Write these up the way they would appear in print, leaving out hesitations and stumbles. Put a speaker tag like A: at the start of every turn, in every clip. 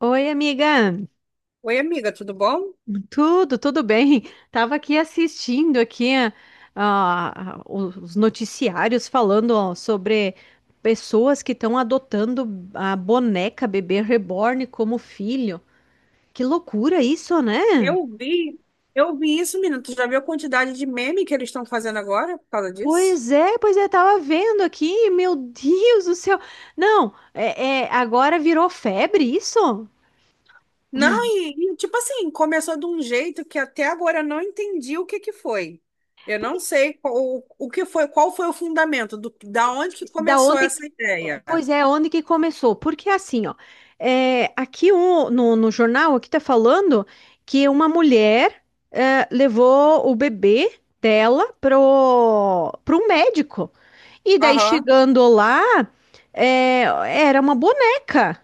A: Oi, amiga.
B: Oi, amiga, tudo bom?
A: Tudo, bem? Tava aqui assistindo aqui os noticiários falando, ó, sobre pessoas que estão adotando a boneca bebê reborn como filho. Que loucura isso, né?
B: Eu vi, eu vi isso, menina. Tu já viu a quantidade de meme que eles estão fazendo agora por causa disso?
A: Pois é, tava vendo aqui, meu Deus do céu. Não, é, agora virou febre isso?
B: Não, tipo assim, começou de um jeito que até agora eu não entendi o que que foi. Eu não sei o que foi, qual foi o fundamento, da onde que
A: Da
B: começou
A: onde,
B: essa
A: é,
B: ideia.
A: pois é, onde que começou? Porque assim, ó, é, aqui no, no jornal aqui tá falando que uma mulher, levou o bebê dela pro médico. E daí
B: Aham.
A: chegando lá, é, era uma boneca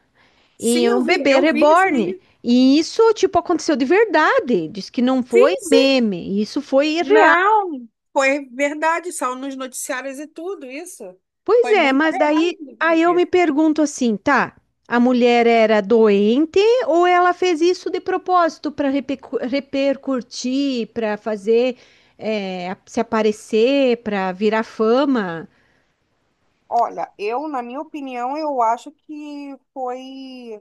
B: Sim,
A: e
B: eu
A: um
B: vi,
A: bebê
B: eu vi isso
A: reborn.
B: aí.
A: E isso, tipo, aconteceu de verdade. Diz que não
B: Sim,
A: foi
B: sim.
A: meme, isso foi real.
B: Não, foi verdade, saiu nos noticiários e tudo isso.
A: Pois
B: Foi
A: é,
B: muito
A: mas
B: real,
A: daí aí eu me
B: inclusive.
A: pergunto assim, tá? A mulher era doente ou ela fez isso de propósito para repercutir, para fazer, se aparecer, para virar fama,
B: Olha, eu, na minha opinião, eu acho que foi,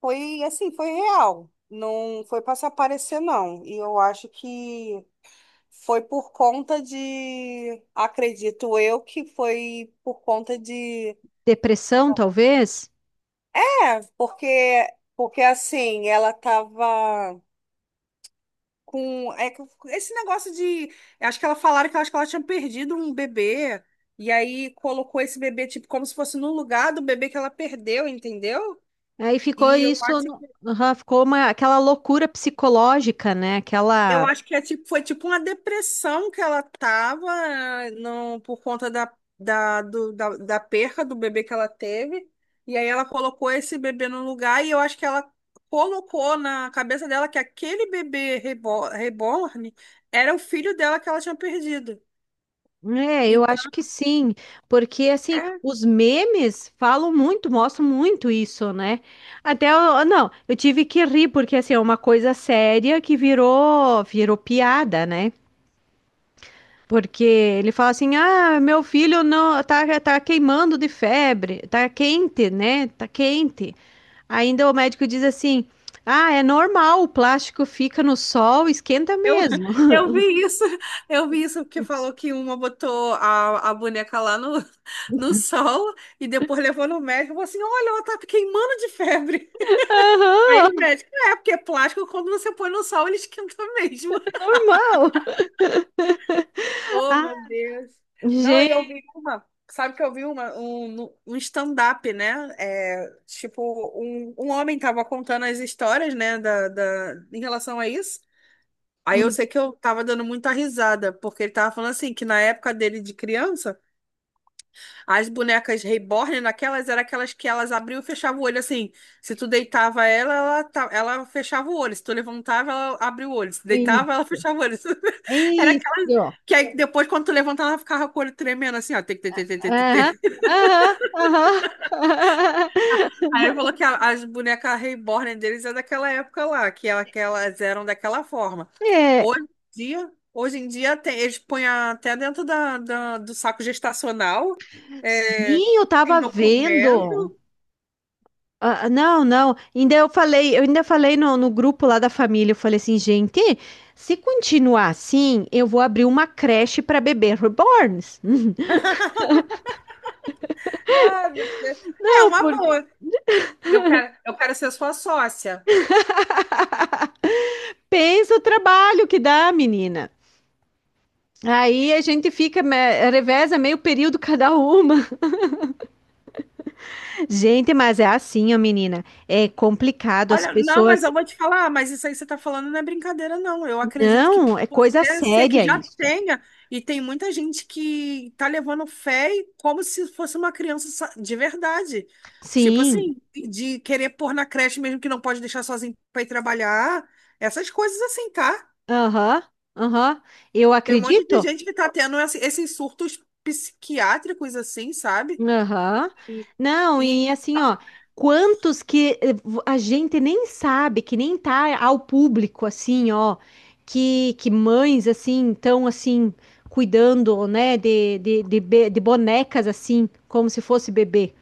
B: foi assim, foi real. Não foi para se aparecer, não. E eu acho que foi por conta de, acredito eu, que foi por conta de,
A: depressão talvez?
B: porque, porque assim, ela tava com, com esse negócio de, acho que ela falaram que, eu acho que ela tinha perdido um bebê, e aí colocou esse bebê, tipo, como se fosse no lugar do bebê que ela perdeu, entendeu?
A: Aí ficou
B: E eu
A: isso,
B: acho que,
A: aham, ficou uma, aquela loucura psicológica, né?
B: eu
A: Aquela...
B: acho que é tipo, foi tipo uma depressão que ela tava, não, por conta da perca do bebê que ela teve. E aí ela colocou esse bebê no lugar e eu acho que ela colocou na cabeça dela que aquele reborn era o filho dela que ela tinha perdido.
A: É, eu
B: Então,
A: acho que sim, porque assim, os memes falam muito, mostram muito isso, né? Até eu, não, eu tive que rir porque assim, é uma coisa séria que virou piada, né? Porque ele fala assim: "Ah, meu filho não tá queimando de febre, tá quente, né? Tá quente". Ainda o médico diz assim: "Ah, é normal, o plástico fica no sol, esquenta
B: Eu,
A: mesmo".
B: eu vi isso, eu vi isso porque falou que uma botou a boneca lá no, no sol e depois levou no médico e falou assim: olha, ela tá queimando de febre. Aí o
A: Aham,
B: médico, é, porque é plástico, quando você põe no sol, ele esquenta mesmo.
A: normal.
B: Oh,
A: Ah,
B: meu Deus. Não, e sabe que eu vi um stand-up, né? É, tipo, um homem tava contando as histórias, né, em relação a isso. Aí eu
A: gente.
B: sei que eu tava dando muita risada, porque ele tava falando assim, que na época dele de criança, as bonecas reborn, naquelas, eram aquelas que elas abriam e fechavam o olho, assim. Se tu deitava ela, ela fechava o olho. Se tu levantava, ela abria o olho. Se deitava, ela fechava o olho. Era aquelas
A: Isso.
B: que aí depois, quando tu levantava, ela ficava com o olho tremendo, assim, ó. Tic, tic, tic, tic, tic,
A: Aham,
B: tic.
A: aham, aham.
B: Aí ele falou que as bonecas reborn deles é daquela época lá, que que elas eram daquela forma.
A: É,
B: Hoje em hoje em dia eles põem até dentro do saco gestacional, é,
A: sim, eu
B: tem
A: tava vendo.
B: documento.
A: Ah, ah, não, não. Ainda eu falei, eu ainda falei no grupo lá da família, eu falei assim, gente, se continuar assim, eu vou abrir uma creche para bebê reborns.
B: Ah, meu Deus. É
A: Não,
B: uma
A: porque...
B: boa. Eu quero ser sua sócia.
A: pensa o trabalho que dá, menina. Aí a gente fica, reveza meio período cada uma. Gente, mas é assim, ó, menina. É complicado as
B: Olha, não, mas
A: pessoas.
B: eu vou te falar, mas isso aí que você está falando não é brincadeira, não. Eu acredito que
A: Não, é
B: possa
A: coisa
B: até ser que
A: séria
B: já
A: isso.
B: tenha, e tem muita gente que tá levando fé e como se fosse uma de verdade. Tipo
A: Sim,
B: assim, de querer pôr na creche mesmo que não pode deixar sozinho para ir trabalhar, essas coisas assim, tá?
A: aham, aham. Eu
B: Tem um monte de
A: acredito?
B: gente que tá tendo esses surtos psiquiátricos assim, sabe?
A: Aham.
B: E,
A: Não,
B: e
A: e assim, ó, quantos que a gente nem sabe, que nem tá ao público, assim, ó, que mães, assim, estão, assim, cuidando, né, de bonecas, assim, como se fosse bebê.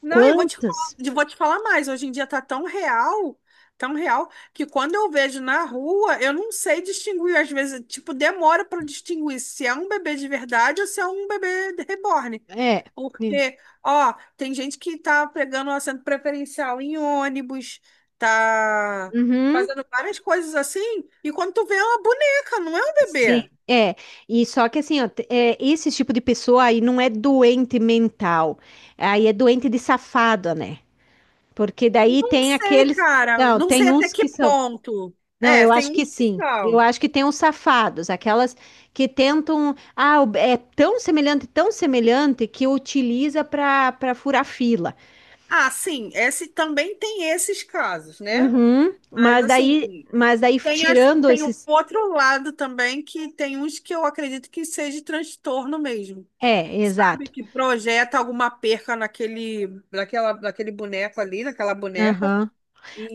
B: Não, eu vou te falar,
A: Quantas?
B: eu vou te falar mais. Hoje em dia tá tão real, que quando eu vejo na rua, eu não sei distinguir. Às vezes, tipo, demora para distinguir se é um bebê de verdade ou se é um bebê de reborn.
A: É.
B: Porque, ó, tem gente que tá pegando o assento preferencial em ônibus, tá
A: Uhum.
B: fazendo várias coisas assim, e quando tu vê é uma boneca, não é um
A: Sim,
B: bebê.
A: é. E só que assim, ó, é, esse tipo de pessoa aí não é doente mental, aí é doente de safado, né? Porque daí
B: Não
A: tem
B: sei,
A: aqueles.
B: cara.
A: Não,
B: Não sei
A: tem
B: até
A: uns
B: que
A: que são.
B: ponto.
A: Não,
B: É,
A: eu
B: tem
A: acho
B: um
A: que
B: que
A: sim. Eu
B: são.
A: acho que tem uns safados, aquelas que tentam. Ah, é tão semelhante que utiliza para furar fila.
B: Ah, sim, esse também tem esses casos, né?
A: Uhum,
B: Mas assim,
A: mas daí tirando
B: tem um
A: esses.
B: outro lado também que tem uns que eu acredito que seja transtorno mesmo,
A: É,
B: sabe?
A: exato.
B: Que projeta alguma perca naquele boneco ali, naquela boneca.
A: Aham.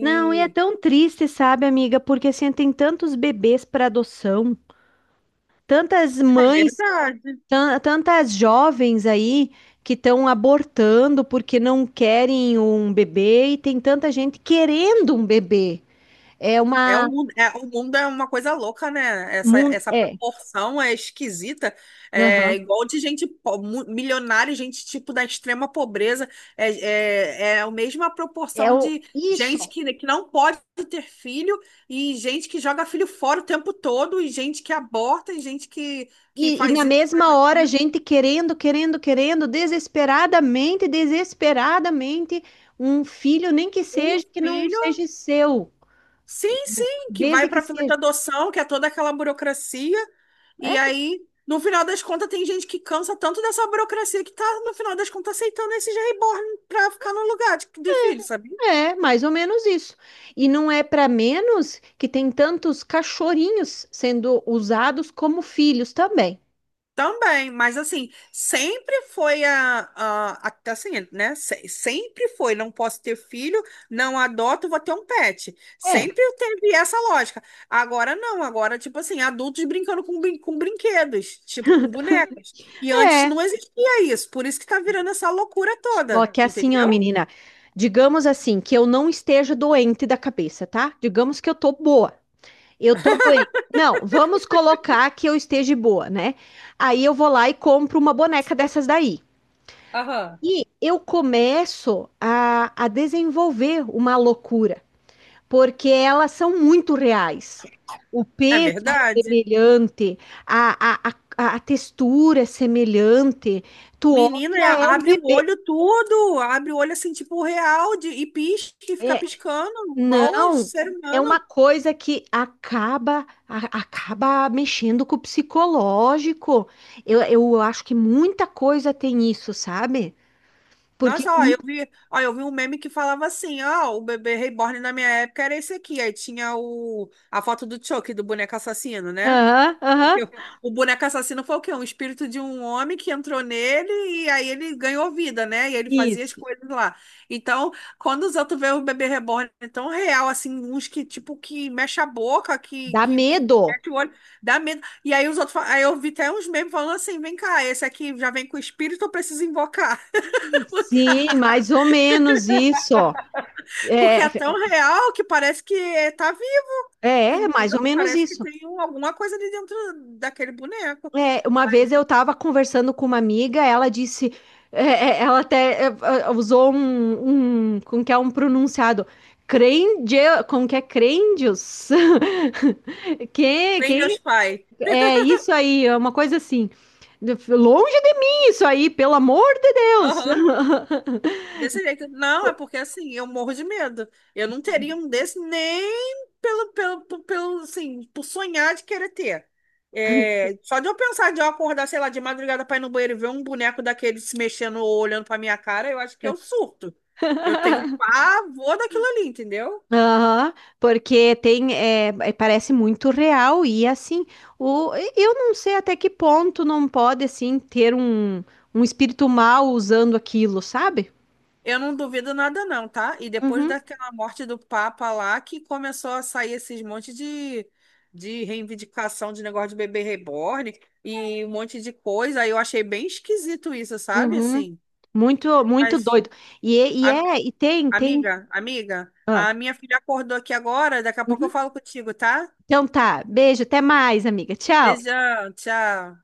A: Não, e é tão triste, sabe, amiga? Porque assim, tem tantos bebês para adoção, tantas
B: é
A: mães,
B: verdade.
A: tantas jovens aí que estão abortando porque não querem um bebê e tem tanta gente querendo um bebê. É uma...
B: É, o mundo é uma coisa louca, né? Essa
A: É.
B: proporção é esquisita. É
A: Aham.
B: igual de gente milionária, gente tipo da extrema pobreza. É a mesma
A: É
B: proporção
A: o...
B: de gente
A: isso.
B: que não pode ter filho e gente que joga filho fora o tempo todo, e gente que aborta, e gente que
A: E
B: faz
A: na
B: isso, faz
A: mesma hora, a
B: aquilo.
A: gente querendo, querendo, querendo, desesperadamente, desesperadamente, um filho, nem que
B: Um
A: seja que não
B: filho.
A: seja seu,
B: Sim, sim, que vai
A: desde que
B: para fila de
A: seja.
B: adoção, que é toda aquela burocracia. E
A: É,
B: aí, no final das contas, tem gente que cansa tanto dessa burocracia que tá, no final das contas, aceitando esses reborn para ficar no lugar de filho, sabe?
A: é, mais ou menos isso. E não é para menos que tem tantos cachorrinhos sendo usados como filhos também.
B: Também, mas assim, sempre foi assim, né? Sempre foi, não posso ter filho, não adoto, vou ter um pet.
A: É,
B: Sempre teve essa lógica. Agora não, agora, tipo assim, adultos brincando com, com brinquedos, tipo com bonecas. E antes
A: é.
B: não existia isso, por isso que tá virando essa loucura
A: Só
B: toda,
A: que assim, ó,
B: entendeu?
A: menina, digamos assim, que eu não esteja doente da cabeça, tá? Digamos que eu tô boa. Eu tô doente. Não, vamos colocar que eu esteja boa, né? Aí eu vou lá e compro uma boneca dessas daí.
B: Aham.
A: E eu começo a desenvolver uma loucura, porque elas são muito reais. O
B: É
A: peso é
B: verdade.
A: semelhante, a, a, a textura é semelhante. Tu
B: Menina,
A: olha, é um
B: abre o
A: bebê.
B: olho tudo, abre o olho assim, tipo real, de, e pisca, e fica
A: É,
B: piscando, igual a
A: não,
B: ser
A: é uma
B: humano.
A: coisa que acaba acaba mexendo com o psicológico. Eu acho que muita coisa tem isso, sabe? Porque...
B: Nossa, ó, eu vi um meme que falava assim, ó, o bebê reborn na minha época era esse aqui. Aí tinha o, a foto do Chucky, do boneco assassino, né?
A: Aham, aham,
B: Porque o boneco assassino foi o quê? Um espírito de um homem que entrou nele e aí ele ganhou vida, né? E ele fazia as
A: isso.
B: coisas lá. Então, quando os outros veem o bebê reborn tão real, assim, uns que, tipo, que mexe a boca,
A: Dá
B: que
A: medo.
B: mete o olho, dá medo. E aí os outros, aí eu vi até uns memes falando assim, vem cá, esse aqui já vem com espírito, eu preciso invocar.
A: Sim, mais ou menos isso.
B: Porque é
A: É.
B: tão real que parece que tá vivo,
A: É, é mais ou
B: entendeu?
A: menos
B: Parece que
A: isso.
B: tem alguma coisa ali dentro daquele boneco.
A: É, uma
B: Aí,
A: vez eu estava conversando com uma amiga, ela disse, é, ela até usou um, como que é um pronunciado, crende, como que é crendios? Que,
B: vem Deus
A: que,
B: Pai.
A: é isso aí, é uma coisa assim, longe de mim isso aí, pelo amor de Deus.
B: Aham. Desse jeito. Não, é porque assim, eu morro de medo. Eu não teria um desse nem pelo, assim, por sonhar de querer ter. É, só de eu pensar de eu acordar, sei lá, de madrugada pra ir no banheiro e ver um boneco daquele se mexendo ou olhando pra minha cara, eu acho que eu surto. Eu tenho pavor daquilo ali, entendeu?
A: Aham, porque tem, parece muito real e assim, o, eu não sei até que ponto não pode assim ter um espírito mal usando aquilo, sabe?
B: Eu não duvido nada não, tá? E depois
A: Uhum,
B: daquela morte do Papa lá, que começou a sair esses monte de reivindicação de negócio de bebê reborn e um monte de coisa, aí eu achei bem esquisito isso, sabe?
A: uhum.
B: Assim,
A: Muito, muito
B: mas,
A: doido. E,
B: am-
A: é, tem, tem.
B: amiga, amiga, a
A: Ah,
B: minha filha acordou aqui agora, daqui a pouco eu
A: uhum.
B: falo contigo, tá?
A: Então tá, beijo, até mais, amiga. Tchau.
B: Beijão, tchau.